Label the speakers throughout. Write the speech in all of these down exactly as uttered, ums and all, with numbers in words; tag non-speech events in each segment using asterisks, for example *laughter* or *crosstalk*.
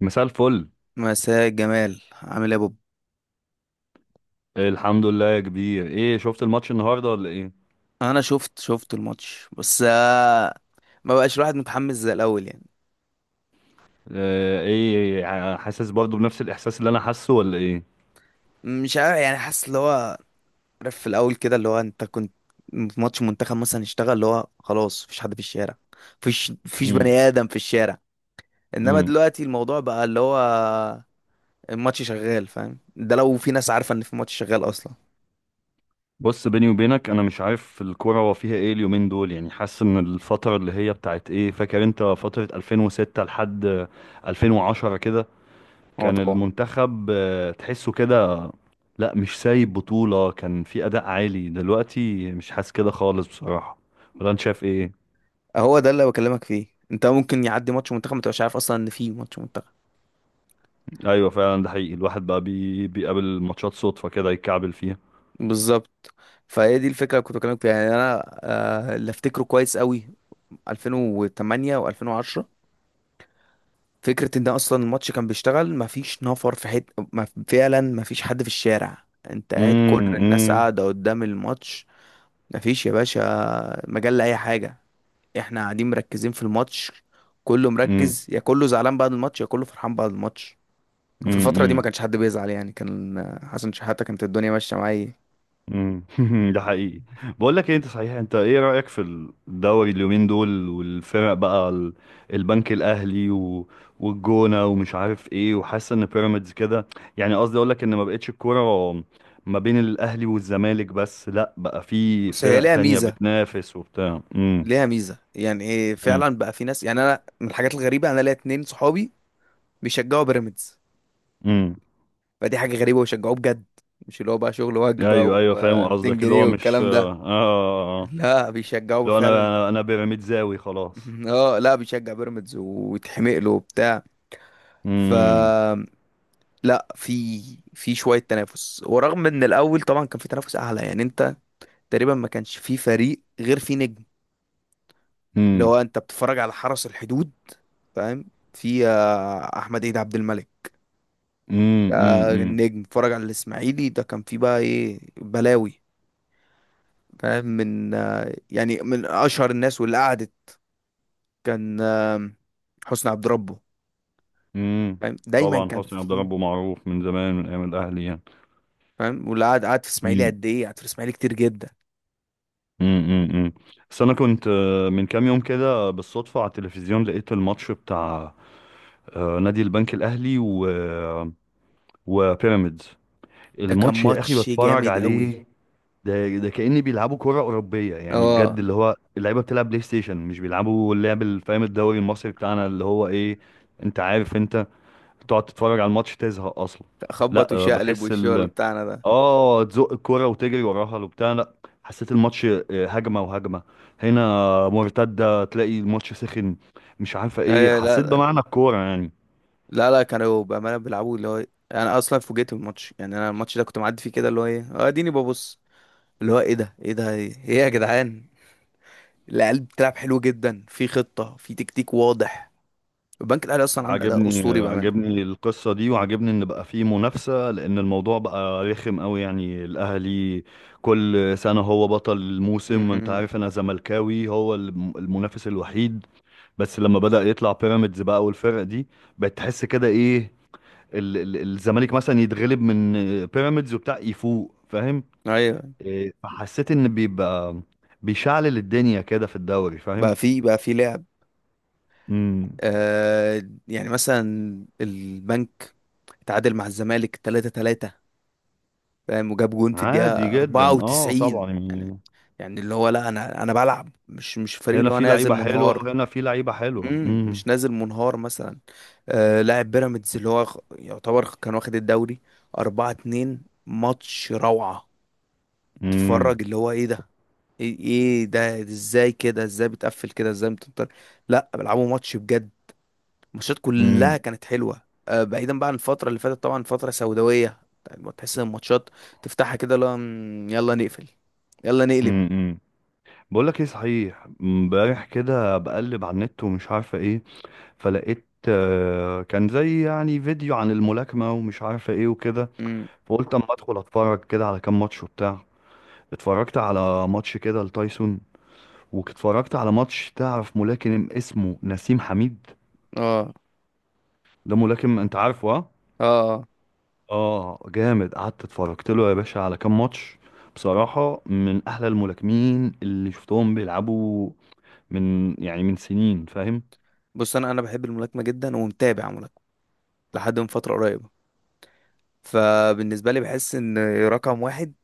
Speaker 1: مساء الفل.
Speaker 2: مساء الجمال. عامل ايه يا بوب؟
Speaker 1: الحمد لله يا كبير، ايه شفت الماتش النهارده ولا ايه؟
Speaker 2: انا شفت شفت الماتش بس آه، ما بقاش الواحد متحمس زي الاول. يعني
Speaker 1: آه، ايه ع- حاسس برضو بنفس الاحساس اللي انا حاسه ولا ايه؟
Speaker 2: مش عارف، يعني حاسس اللي هو، عارف في الاول كده اللي هو انت كنت في ماتش منتخب مثلا اشتغل، اللي هو خلاص مفيش حد في الشارع، مفيش مفيش بني
Speaker 1: امم
Speaker 2: ادم في الشارع. انما
Speaker 1: امم
Speaker 2: دلوقتي الموضوع بقى اللي هو الماتش شغال، فاهم؟ ده لو في ناس عارفه ان في ماتش شغال اصلا.
Speaker 1: بص بيني وبينك، انا مش عارف الكوره هو فيها ايه اليومين دول، يعني حاسس ان الفتره اللي هي بتاعت ايه، فاكر انت فتره ألفين وستة لحد ألفين وعشرة كده
Speaker 2: هو
Speaker 1: كان
Speaker 2: طبعا.
Speaker 1: المنتخب، آه، تحسه كده؟ لا مش سايب بطوله، كان في اداء عالي، دلوقتي مش حاسس كده خالص بصراحه. ولا انت شايف ايه؟
Speaker 2: هو ده اللي بكلمك فيه، انت ممكن يعدي ماتش منتخب ما تبقاش عارف اصلا ان في ماتش.
Speaker 1: ايوه فعلا، ده حقيقي، الواحد بقى بي... بيقابل ماتشات صدفة كده يتكعبل فيها.
Speaker 2: بالظبط. فهي دي الفكره اللي كنت بكلمك فيها، يعني انا آه، اللي افتكره كويس قوي ألفين وثمانية و2010. فكره ان اصلا الماتش كان بيشتغل مفيش نفر في حته، مف... فعلا مفيش حد في الشارع، انت قاعد كل الناس
Speaker 1: امم
Speaker 2: قاعده قدام الماتش. مفيش يا باشا مجال لاي حاجه، احنا قاعدين مركزين في الماتش، كله
Speaker 1: امم
Speaker 2: مركز، يا كله زعلان بعد الماتش يا كله فرحان بعد الماتش. وفي الفتره دي ما
Speaker 1: امم
Speaker 2: كانش حد بيزعل، يعني كان حسن شحاته، كانت الدنيا ماشيه معايا.
Speaker 1: امم *laughs* ده حقيقي. بقول لك ايه، انت صحيح، انت ايه رأيك في الدوري اليومين دول والفرق بقى ال- البنك الاهلي و... والجونة ومش عارف ايه، وحاسس ان بيراميدز كده، يعني قصدي اقول لك ان ما بقتش الكورة ما بين الاهلي والزمالك بس، لا بقى في
Speaker 2: بص، هي
Speaker 1: فرق
Speaker 2: ليها
Speaker 1: تانية
Speaker 2: ميزه،
Speaker 1: بتنافس وبتاع. امم
Speaker 2: ليها ميزه، يعني إيه
Speaker 1: امم
Speaker 2: فعلا بقى في ناس، يعني انا من الحاجات الغريبه انا ليا اتنين صحابي بيشجعوا بيراميدز.
Speaker 1: امم.
Speaker 2: فدي حاجه غريبه، ويشجعوه بجد، مش اللي هو بقى شغل وجبه
Speaker 1: ايوه ايوه، فاهم
Speaker 2: و200
Speaker 1: قصدك، اللي
Speaker 2: جنيه
Speaker 1: هو مش
Speaker 2: والكلام
Speaker 1: اه
Speaker 2: ده.
Speaker 1: اه اه
Speaker 2: لا بيشجعوه
Speaker 1: لو انا
Speaker 2: فعلا.
Speaker 1: انا انا بيراميد زاوي خلاص.
Speaker 2: *laughs* اه، لا بيشجع بيراميدز ويتحمق له وبتاع. ف،
Speaker 1: امم
Speaker 2: لا في، في شويه تنافس. ورغم ان الاول طبعا كان في تنافس اعلى، يعني انت تقريبا ما كانش في فريق غير في نجم، اللي
Speaker 1: امم
Speaker 2: هو انت بتتفرج على حرس الحدود، فاهم؟ في آه، احمد عيد عبد الملك،
Speaker 1: امم
Speaker 2: ده
Speaker 1: امم
Speaker 2: النجم. اتفرج على الاسماعيلي، ده كان فيه بقى ايه بلاوي، فاهم؟ من آه، يعني من اشهر الناس واللي قعدت، كان آه، حسني عبد ربه،
Speaker 1: امم
Speaker 2: فاهم؟ دايما
Speaker 1: طبعا
Speaker 2: كان
Speaker 1: حسني عبد
Speaker 2: فيه.
Speaker 1: ربه معروف من زمان من ايام الاهلي يعني.
Speaker 2: فاهم؟ واللي قعد قعد في الاسماعيلي
Speaker 1: امم
Speaker 2: قد ايه، قعد في الاسماعيلي كتير جدا.
Speaker 1: امم امم بس انا كنت، آه، من كام يوم كده بالصدفه على التلفزيون لقيت الماتش بتاع آه، نادي البنك الاهلي و آه، وبيراميدز.
Speaker 2: ده كان
Speaker 1: الماتش يا اخي
Speaker 2: ماتش
Speaker 1: بتفرج
Speaker 2: جامد قوي.
Speaker 1: عليه، ده ده كأني بيلعبوا كرة أوروبية يعني، بجد
Speaker 2: اه،
Speaker 1: اللي هو اللعيبة بتلعب بلاي ستيشن، مش بيلعبوا اللعب اللي فاهم الدوري المصري بتاعنا اللي هو إيه. أنت عارف، أنت تقعد تتفرج على الماتش تزهق أصلا.
Speaker 2: خبط
Speaker 1: لا، آه،
Speaker 2: وشقلب
Speaker 1: بحس
Speaker 2: والشغل
Speaker 1: ال
Speaker 2: بتاعنا ده.
Speaker 1: آه، تزق الكرة وتجري وراها وبتاع، لا، حسيت الماتش، آه، هجمة وهجمة هنا مرتدة، تلاقي الماتش سخن مش عارفة إيه،
Speaker 2: آه، لا
Speaker 1: حسيت
Speaker 2: لا،
Speaker 1: بمعنى الكورة يعني.
Speaker 2: لا لا، كانوا بأمانة بيلعبوا اللي هو، انا اصلا فوجئت بالماتش. يعني انا الماتش ده كنت معدي فيه كده، اللي هو ايه، اه اديني ببص، اللي هو ايه ده، ايه ده، ايه يا جدعان؟ العيال بتلعب حلو جدا، في خطة، في تكتيك واضح. البنك الأهلي أصلا عامل أداء
Speaker 1: عجبني،
Speaker 2: أسطوري بأمانة.
Speaker 1: عجبني القصة دي، وعجبني ان بقى فيه منافسة، لان الموضوع بقى رخم قوي، يعني الاهلي كل سنة هو بطل الموسم، وانت
Speaker 2: أمم.
Speaker 1: عارف انا زملكاوي، هو الم- المنافس الوحيد. بس لما بدأ يطلع بيراميدز بقى والفرق دي، بقت تحس كده ايه، ال- ال- الزمالك مثلا يتغلب من بيراميدز وبتاع، يفوق فاهم؟
Speaker 2: أيوه،
Speaker 1: إيه، فحسيت ان بيبقى بيشعلل الدنيا كده في الدوري فاهم.
Speaker 2: بقى في، بقى في لعب.
Speaker 1: امم.
Speaker 2: آه، يعني مثلا البنك اتعادل مع الزمالك تلاتة تلاتة، فاهم؟ وجاب جون في الدقيقة
Speaker 1: عادي جدا اه
Speaker 2: أربعة وتسعين.
Speaker 1: طبعا
Speaker 2: يعني
Speaker 1: يعني،
Speaker 2: يعني اللي هو لا، أنا أنا بلعب، مش مش فريق
Speaker 1: هنا
Speaker 2: اللي هو
Speaker 1: في
Speaker 2: نازل
Speaker 1: لعيبة حلوة
Speaker 2: منهار.
Speaker 1: وهنا في لعيبة حلوة.
Speaker 2: امم،
Speaker 1: امم
Speaker 2: مش نازل منهار مثلا. آه، لاعب بيراميدز اللي هو خ- يعتبر كان واخد الدوري أربعة اتنين، ماتش روعة.
Speaker 1: امم
Speaker 2: تتفرج اللي هو ايه ده، ايه، إيه ده، ازاي كده، ازاي بتقفل كده، ازاي بتنطر؟ لا بيلعبوا ماتش بجد. الماتشات كلها
Speaker 1: امم
Speaker 2: كانت حلوه، آه، بعيدا بقى عن الفتره اللي فاتت طبعا، فتره سوداويه. يعني تحس ان الماتشات تفتحها كده، لا مم، يلا نقفل، يلا نقلب.
Speaker 1: امم بقول لك ايه صحيح، امبارح كده بقلب على النت ومش عارفة ايه، فلقيت آه، كان زي يعني فيديو عن الملاكمة ومش عارفة ايه وكده،
Speaker 2: امم.
Speaker 1: فقلت اما ادخل اتفرج كده على كام ماتش وبتاع، اتفرجت على ماتش كده لتايسون، واتفرجت على ماتش، تعرف ملاكم اسمه نسيم حميد؟
Speaker 2: اه.
Speaker 1: ده ملاكم انت عارفه، ها؟
Speaker 2: اه. آه.
Speaker 1: اه جامد، قعدت اتفرجت له يا باشا على كام ماتش، بصراحة من أحلى الملاكمين اللي شفتهم بيلعبوا، من يعني من سنين فاهم.
Speaker 2: بص، انا انا بحب الملاكمه جدا ومتابع ملاكمه لحد من فتره قريبه. فبالنسبه لي بحس ان رقم واحد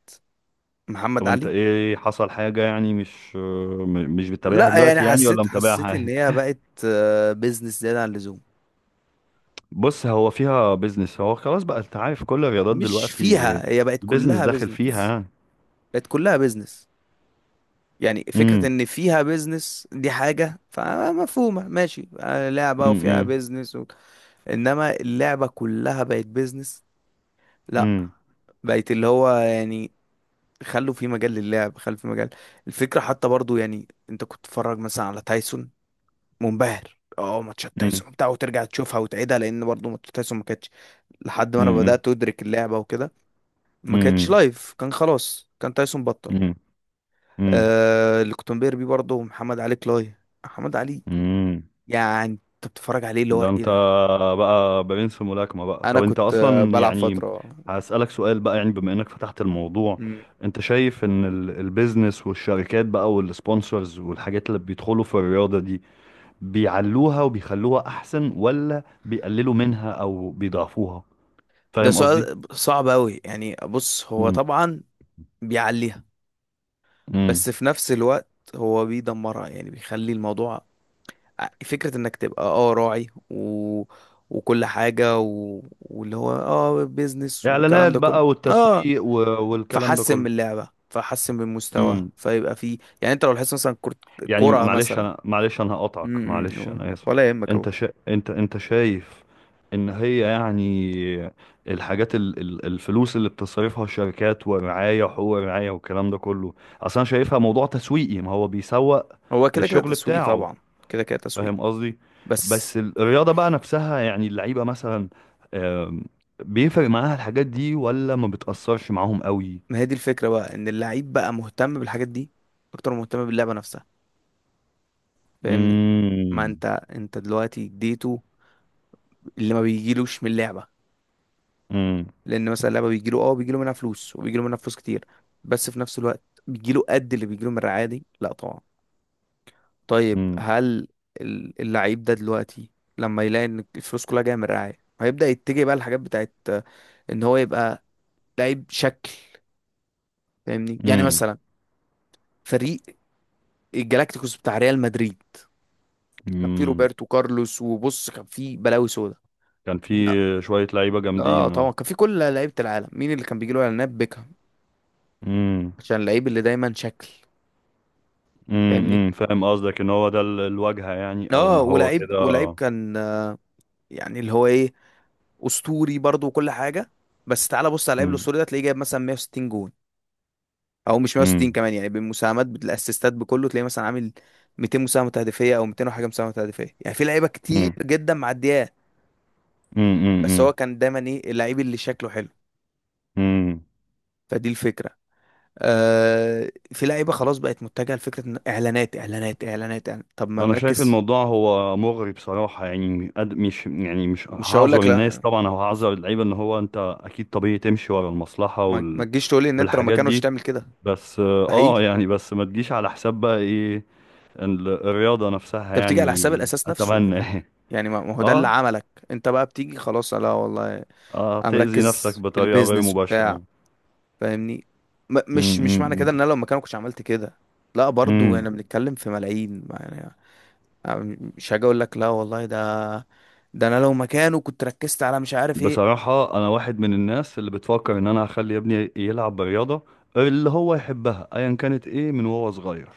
Speaker 2: محمد
Speaker 1: طب انت
Speaker 2: علي.
Speaker 1: ايه، حصل حاجة يعني مش م- مش بتتابعها
Speaker 2: لا يعني
Speaker 1: دلوقتي يعني ولا
Speaker 2: حسيت،
Speaker 1: متابعها
Speaker 2: حسيت ان
Speaker 1: عادي؟
Speaker 2: هي بقت بيزنس زياده عن اللزوم.
Speaker 1: بص هو فيها بيزنس، هو خلاص بقى انت عارف كل الرياضات
Speaker 2: مش
Speaker 1: دلوقتي
Speaker 2: فيها، هي بقت
Speaker 1: البيزنس
Speaker 2: كلها
Speaker 1: داخل فيها
Speaker 2: بيزنس،
Speaker 1: يعني.
Speaker 2: بقت كلها بيزنس. يعني فكرة
Speaker 1: امم
Speaker 2: ان فيها بيزنس دي حاجة فمفهومة، ماشي، آه، لعبة وفيها
Speaker 1: امم
Speaker 2: بيزنس و... انما اللعبة كلها بقت بيزنس. لا،
Speaker 1: امم
Speaker 2: بقت اللي هو يعني خلوا في مجال للعب، خلوا في مجال. الفكرة حتى برضو، يعني انت كنت تتفرج مثلا على تايسون منبهر. اه، ماتشات
Speaker 1: امم
Speaker 2: تايسون بتاع وترجع تشوفها وتعيدها، لان برضو ماتشات تايسون ما كانتش، لحد ما انا
Speaker 1: امم
Speaker 2: بدأت ادرك اللعبة وكده، ما كانتش
Speaker 1: امم
Speaker 2: لايف، كان خلاص، كان تايسون بطل.
Speaker 1: امم
Speaker 2: آه، اللي كنت بنبهر بيه برضه محمد علي كلاي. محمد علي،
Speaker 1: امم
Speaker 2: يعني انت بتتفرج عليه اللي هو
Speaker 1: ده
Speaker 2: ايه
Speaker 1: انت
Speaker 2: ده.
Speaker 1: بقى برنس في ملاكمة بقى.
Speaker 2: انا
Speaker 1: طب انت
Speaker 2: كنت آه،
Speaker 1: اصلا
Speaker 2: بلعب
Speaker 1: يعني،
Speaker 2: فتره.
Speaker 1: هسألك سؤال بقى يعني بما انك فتحت الموضوع،
Speaker 2: مم.
Speaker 1: انت شايف ان ال- البيزنس والشركات بقى والسبونسرز والحاجات اللي بيدخلوا في الرياضة دي، بيعلوها وبيخلوها احسن، ولا بيقللوا منها او بيضعفوها؟
Speaker 2: ده
Speaker 1: فاهم قصدي؟
Speaker 2: سؤال صعب قوي. يعني بص، هو
Speaker 1: امم
Speaker 2: طبعا بيعليها،
Speaker 1: امم
Speaker 2: بس في نفس الوقت هو بيدمرها. يعني بيخلي الموضوع، ع- فكره انك تبقى اه راعي و... وكل حاجه و... واللي هو اه بيزنس والكلام
Speaker 1: اعلانات
Speaker 2: ده كله،
Speaker 1: بقى
Speaker 2: اه،
Speaker 1: والتسويق و- والكلام ده
Speaker 2: فحسن من اللعبه، فحسن من مستواه،
Speaker 1: كله.
Speaker 2: فيبقى فيه. يعني انت لو لاحظت مثلا كرة،
Speaker 1: يعني
Speaker 2: كرة
Speaker 1: معلش
Speaker 2: مثلا.
Speaker 1: انا، معلش انا هقطعك،
Speaker 2: امم.
Speaker 1: معلش انا اسف.
Speaker 2: ولا يهمك اهو.
Speaker 1: انت شا... انت انت شايف ان هي يعني الحاجات ال... ال- الفلوس اللي بتصرفها الشركات ورعاية وحقوق رعاية والكلام ده كله، اصلا انا شايفها موضوع تسويقي، ما هو بيسوق
Speaker 2: هو كده كده
Speaker 1: للشغل
Speaker 2: تسويق
Speaker 1: بتاعه،
Speaker 2: طبعا، كده كده تسويق.
Speaker 1: فاهم قصدي؟
Speaker 2: بس
Speaker 1: بس الرياضة بقى نفسها يعني، اللعيبة مثلا، آم، بيفرق معاها الحاجات دي ولا ما بتأثرش معاهم قوي؟
Speaker 2: ما هي دي الفكرة بقى، ان اللعيب بقى مهتم بالحاجات دي اكتر ما مهتم باللعبة نفسها. فاهمني؟ ما
Speaker 1: امم
Speaker 2: انت انت دلوقتي اديته اللي ما بيجيلوش من اللعبة.
Speaker 1: امم
Speaker 2: لان مثلا اللعبة بيجيله اه، بيجيله منها فلوس وبيجيله منها فلوس كتير، بس في نفس الوقت بيجيله قد اللي بيجيله من الرعاية دي؟ لا طبعا. طيب، هل ال- اللعيب ده دلوقتي لما يلاقي ان الفلوس كلها جاية من الرعاية هيبدأ يتجه بقى الحاجات بتاعت آه، ان هو يبقى لعيب شكل. فاهمني؟ يعني مثلا فريق الجالاكتيكوس بتاع ريال مدريد، كان فيه
Speaker 1: امم
Speaker 2: روبرتو كارلوس، وبص كان فيه بلاوي سودا.
Speaker 1: كان في
Speaker 2: مين أ-
Speaker 1: شوية لعيبة
Speaker 2: اه
Speaker 1: جامدين
Speaker 2: طبعا
Speaker 1: اه.
Speaker 2: كان فيه كل لعيبه العالم. مين اللي كان بيجي له اعلانات؟ بيكهام،
Speaker 1: امم
Speaker 2: عشان اللعيب اللي دايما شكل.
Speaker 1: امم
Speaker 2: فاهمني؟
Speaker 1: أمم، فاهم قصدك ان هو ده ال- الواجهة يعني، او
Speaker 2: اه،
Speaker 1: ان هو
Speaker 2: ولعيب،
Speaker 1: كده
Speaker 2: ولعيب
Speaker 1: آه.
Speaker 2: كان آه، يعني اللي هو ايه، اسطوري برضو وكل حاجه. بس تعالى بص على اللعيب
Speaker 1: امم
Speaker 2: الاسطوري ده، تلاقيه جايب مثلا مية وستين جون، او مش مية وستين
Speaker 1: امم
Speaker 2: كمان، يعني بالمساهمات بالاسيستات بكله، تلاقيه مثلا عامل ميتين مساهمه هدفيه، او ميتين وحاجه مساهمه هدفيه. يعني في لعيبه كتير
Speaker 1: امم
Speaker 2: جدا معديه،
Speaker 1: امم
Speaker 2: بس
Speaker 1: امم
Speaker 2: هو كان دايما ايه؟ اللعيب اللي شكله حلو.
Speaker 1: أمم.
Speaker 2: فدي الفكره. آه، في لعيبه خلاص بقت متجهه لفكره إن اعلانات، اعلانات، اعلانات، إعلان. طب ما
Speaker 1: انا شايف
Speaker 2: نركز.
Speaker 1: الموضوع هو مغري بصراحة يعني، قد- مش يعني مش
Speaker 2: مش هقول
Speaker 1: هعذر
Speaker 2: لك
Speaker 1: الناس
Speaker 2: لا،
Speaker 1: طبعا او هعذر اللعيبة، ان هو انت اكيد طبيعي تمشي ورا المصلحة
Speaker 2: ما ما
Speaker 1: وال...
Speaker 2: تجيش تقول لي ان انت لو
Speaker 1: والحاجات
Speaker 2: مكانوش
Speaker 1: دي،
Speaker 2: تعمل كده.
Speaker 1: بس اه
Speaker 2: مستحيل.
Speaker 1: آه، يعني بس ما تجيش على حساب بقى ايه، ال- الرياضة نفسها
Speaker 2: انت بتيجي على حساب
Speaker 1: يعني،
Speaker 2: الاساس نفسه،
Speaker 1: اتمنى *laughs*
Speaker 2: يعني ما ما هو ده اللي
Speaker 1: اه
Speaker 2: عملك، انت بقى بتيجي خلاص، لا والله
Speaker 1: اه
Speaker 2: انا
Speaker 1: تأذي نفسك
Speaker 2: مركز في
Speaker 1: بطريقة غير
Speaker 2: البيزنس وبتاع.
Speaker 1: مباشرة.
Speaker 2: فاهمني؟ م مش مش معنى كده
Speaker 1: امم
Speaker 2: ان انا لو مكانك كنتش عملت كده، لا، برضو احنا
Speaker 1: امم
Speaker 2: بنتكلم في ملايين يعني. أنا مش هاجي اقول لك لا والله ده، ده انا لو مكانه كنت ركزت على مش عارف ايه.
Speaker 1: بصراحة أنا واحد من الناس اللي بتفكر إن أنا أخلي ابني يلعب برياضة اللي هو يحبها أيا كانت إيه من وهو صغير،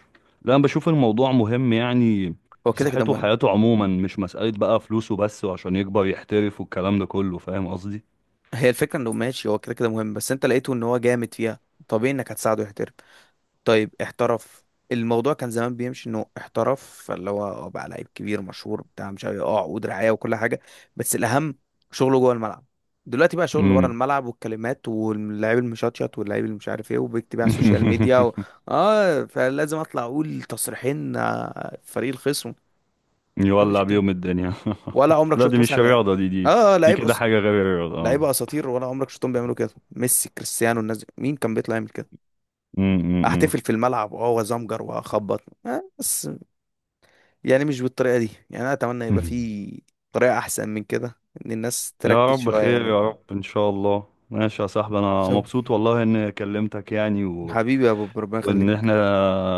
Speaker 1: لأن بشوف الموضوع مهم يعني
Speaker 2: هو كده كده
Speaker 1: لصحته
Speaker 2: مهم.
Speaker 1: وحياته عموما، مش مسألة بقى فلوسه بس وعشان يكبر يحترف والكلام ده كله، فاهم قصدي؟
Speaker 2: *laughs* هي الفكره انه ماشي، هو كده كده مهم، بس انت لقيته ان هو جامد فيها، طبيعي انك هتساعده يحترف. طيب احترف. الموضوع كان زمان بيمشي انه احترف، فاللي هو آه، بقى لعيب كبير مشهور بتاع مش عارف إيه، اه عقود رعايه وكل حاجه، بس الاهم شغله جوه الملعب. دلوقتي بقى شغل ورا
Speaker 1: امم.
Speaker 2: الملعب، والكلمات، واللاعب المشطشط، واللاعب اللي مش عارف ايه، وبيكتب على السوشيال ميديا و... اه، فلازم اطلع اقول تصريحين آه، فريق الخصم. مفيش
Speaker 1: يولع
Speaker 2: الكلام.
Speaker 1: بيهم الدنيا.
Speaker 2: ولا
Speaker 1: *laughs*
Speaker 2: عمرك
Speaker 1: لا دي
Speaker 2: شفت
Speaker 1: مش
Speaker 2: مثلا لعيب،
Speaker 1: رياضة، دي دي
Speaker 2: اه آه،
Speaker 1: دي
Speaker 2: لعيب
Speaker 1: كده
Speaker 2: أس...
Speaker 1: حاجة غير الرياضة اه.
Speaker 2: لعيبه اساطير، ولا عمرك شفتهم بيعملوا كده؟ ميسي، كريستيانو، الناس دي مين كان بيطلع يعمل كده؟
Speaker 1: امم.
Speaker 2: احتفل في الملعب واه وازمجر واخبط، آه، بس يعني مش بالطريقه دي. يعني انا اتمنى يبقى
Speaker 1: *laughs*
Speaker 2: في طريقه احسن من كده، ان الناس
Speaker 1: يا
Speaker 2: تركز
Speaker 1: رب
Speaker 2: شويه
Speaker 1: خير،
Speaker 2: يعني.
Speaker 1: يا رب ان شاء الله. ماشي يا صاحبي، انا
Speaker 2: شوف
Speaker 1: مبسوط والله اني كلمتك يعني، و...
Speaker 2: حبيبي يا بوب، ربنا
Speaker 1: وان
Speaker 2: يخليك.
Speaker 1: احنا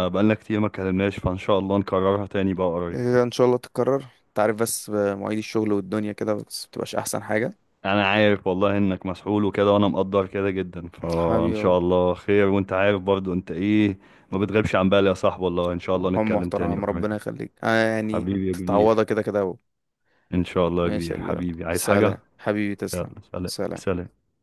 Speaker 1: بقالنا كتير ما اتكلمناش، فان شاء الله نكررها تاني بقى قريب.
Speaker 2: آه، ان شاء الله تتكرر. تعرف بس آه، مواعيد الشغل والدنيا كده، بس بتبقاش احسن حاجه.
Speaker 1: انا عارف والله انك مسحول وكده، وانا مقدر كده جدا، فان
Speaker 2: حبيبي يا بوب.
Speaker 1: شاء الله خير، وانت عارف برضو انت ايه، ما بتغيبش عن بالي يا صاحبي والله، ان شاء الله
Speaker 2: هم
Speaker 1: نتكلم تاني
Speaker 2: محترم،
Speaker 1: قريب.
Speaker 2: ربنا يخليك. آه يعني
Speaker 1: حبيبي يا كبير،
Speaker 2: تتعوضها كده كده.
Speaker 1: ان شاء الله يا
Speaker 2: ماشي يا
Speaker 1: كبير
Speaker 2: كبير.
Speaker 1: حبيبي، عايز حاجة؟
Speaker 2: سلام حبيبي، تسلم.
Speaker 1: يلا سلام
Speaker 2: سلام.
Speaker 1: سلام.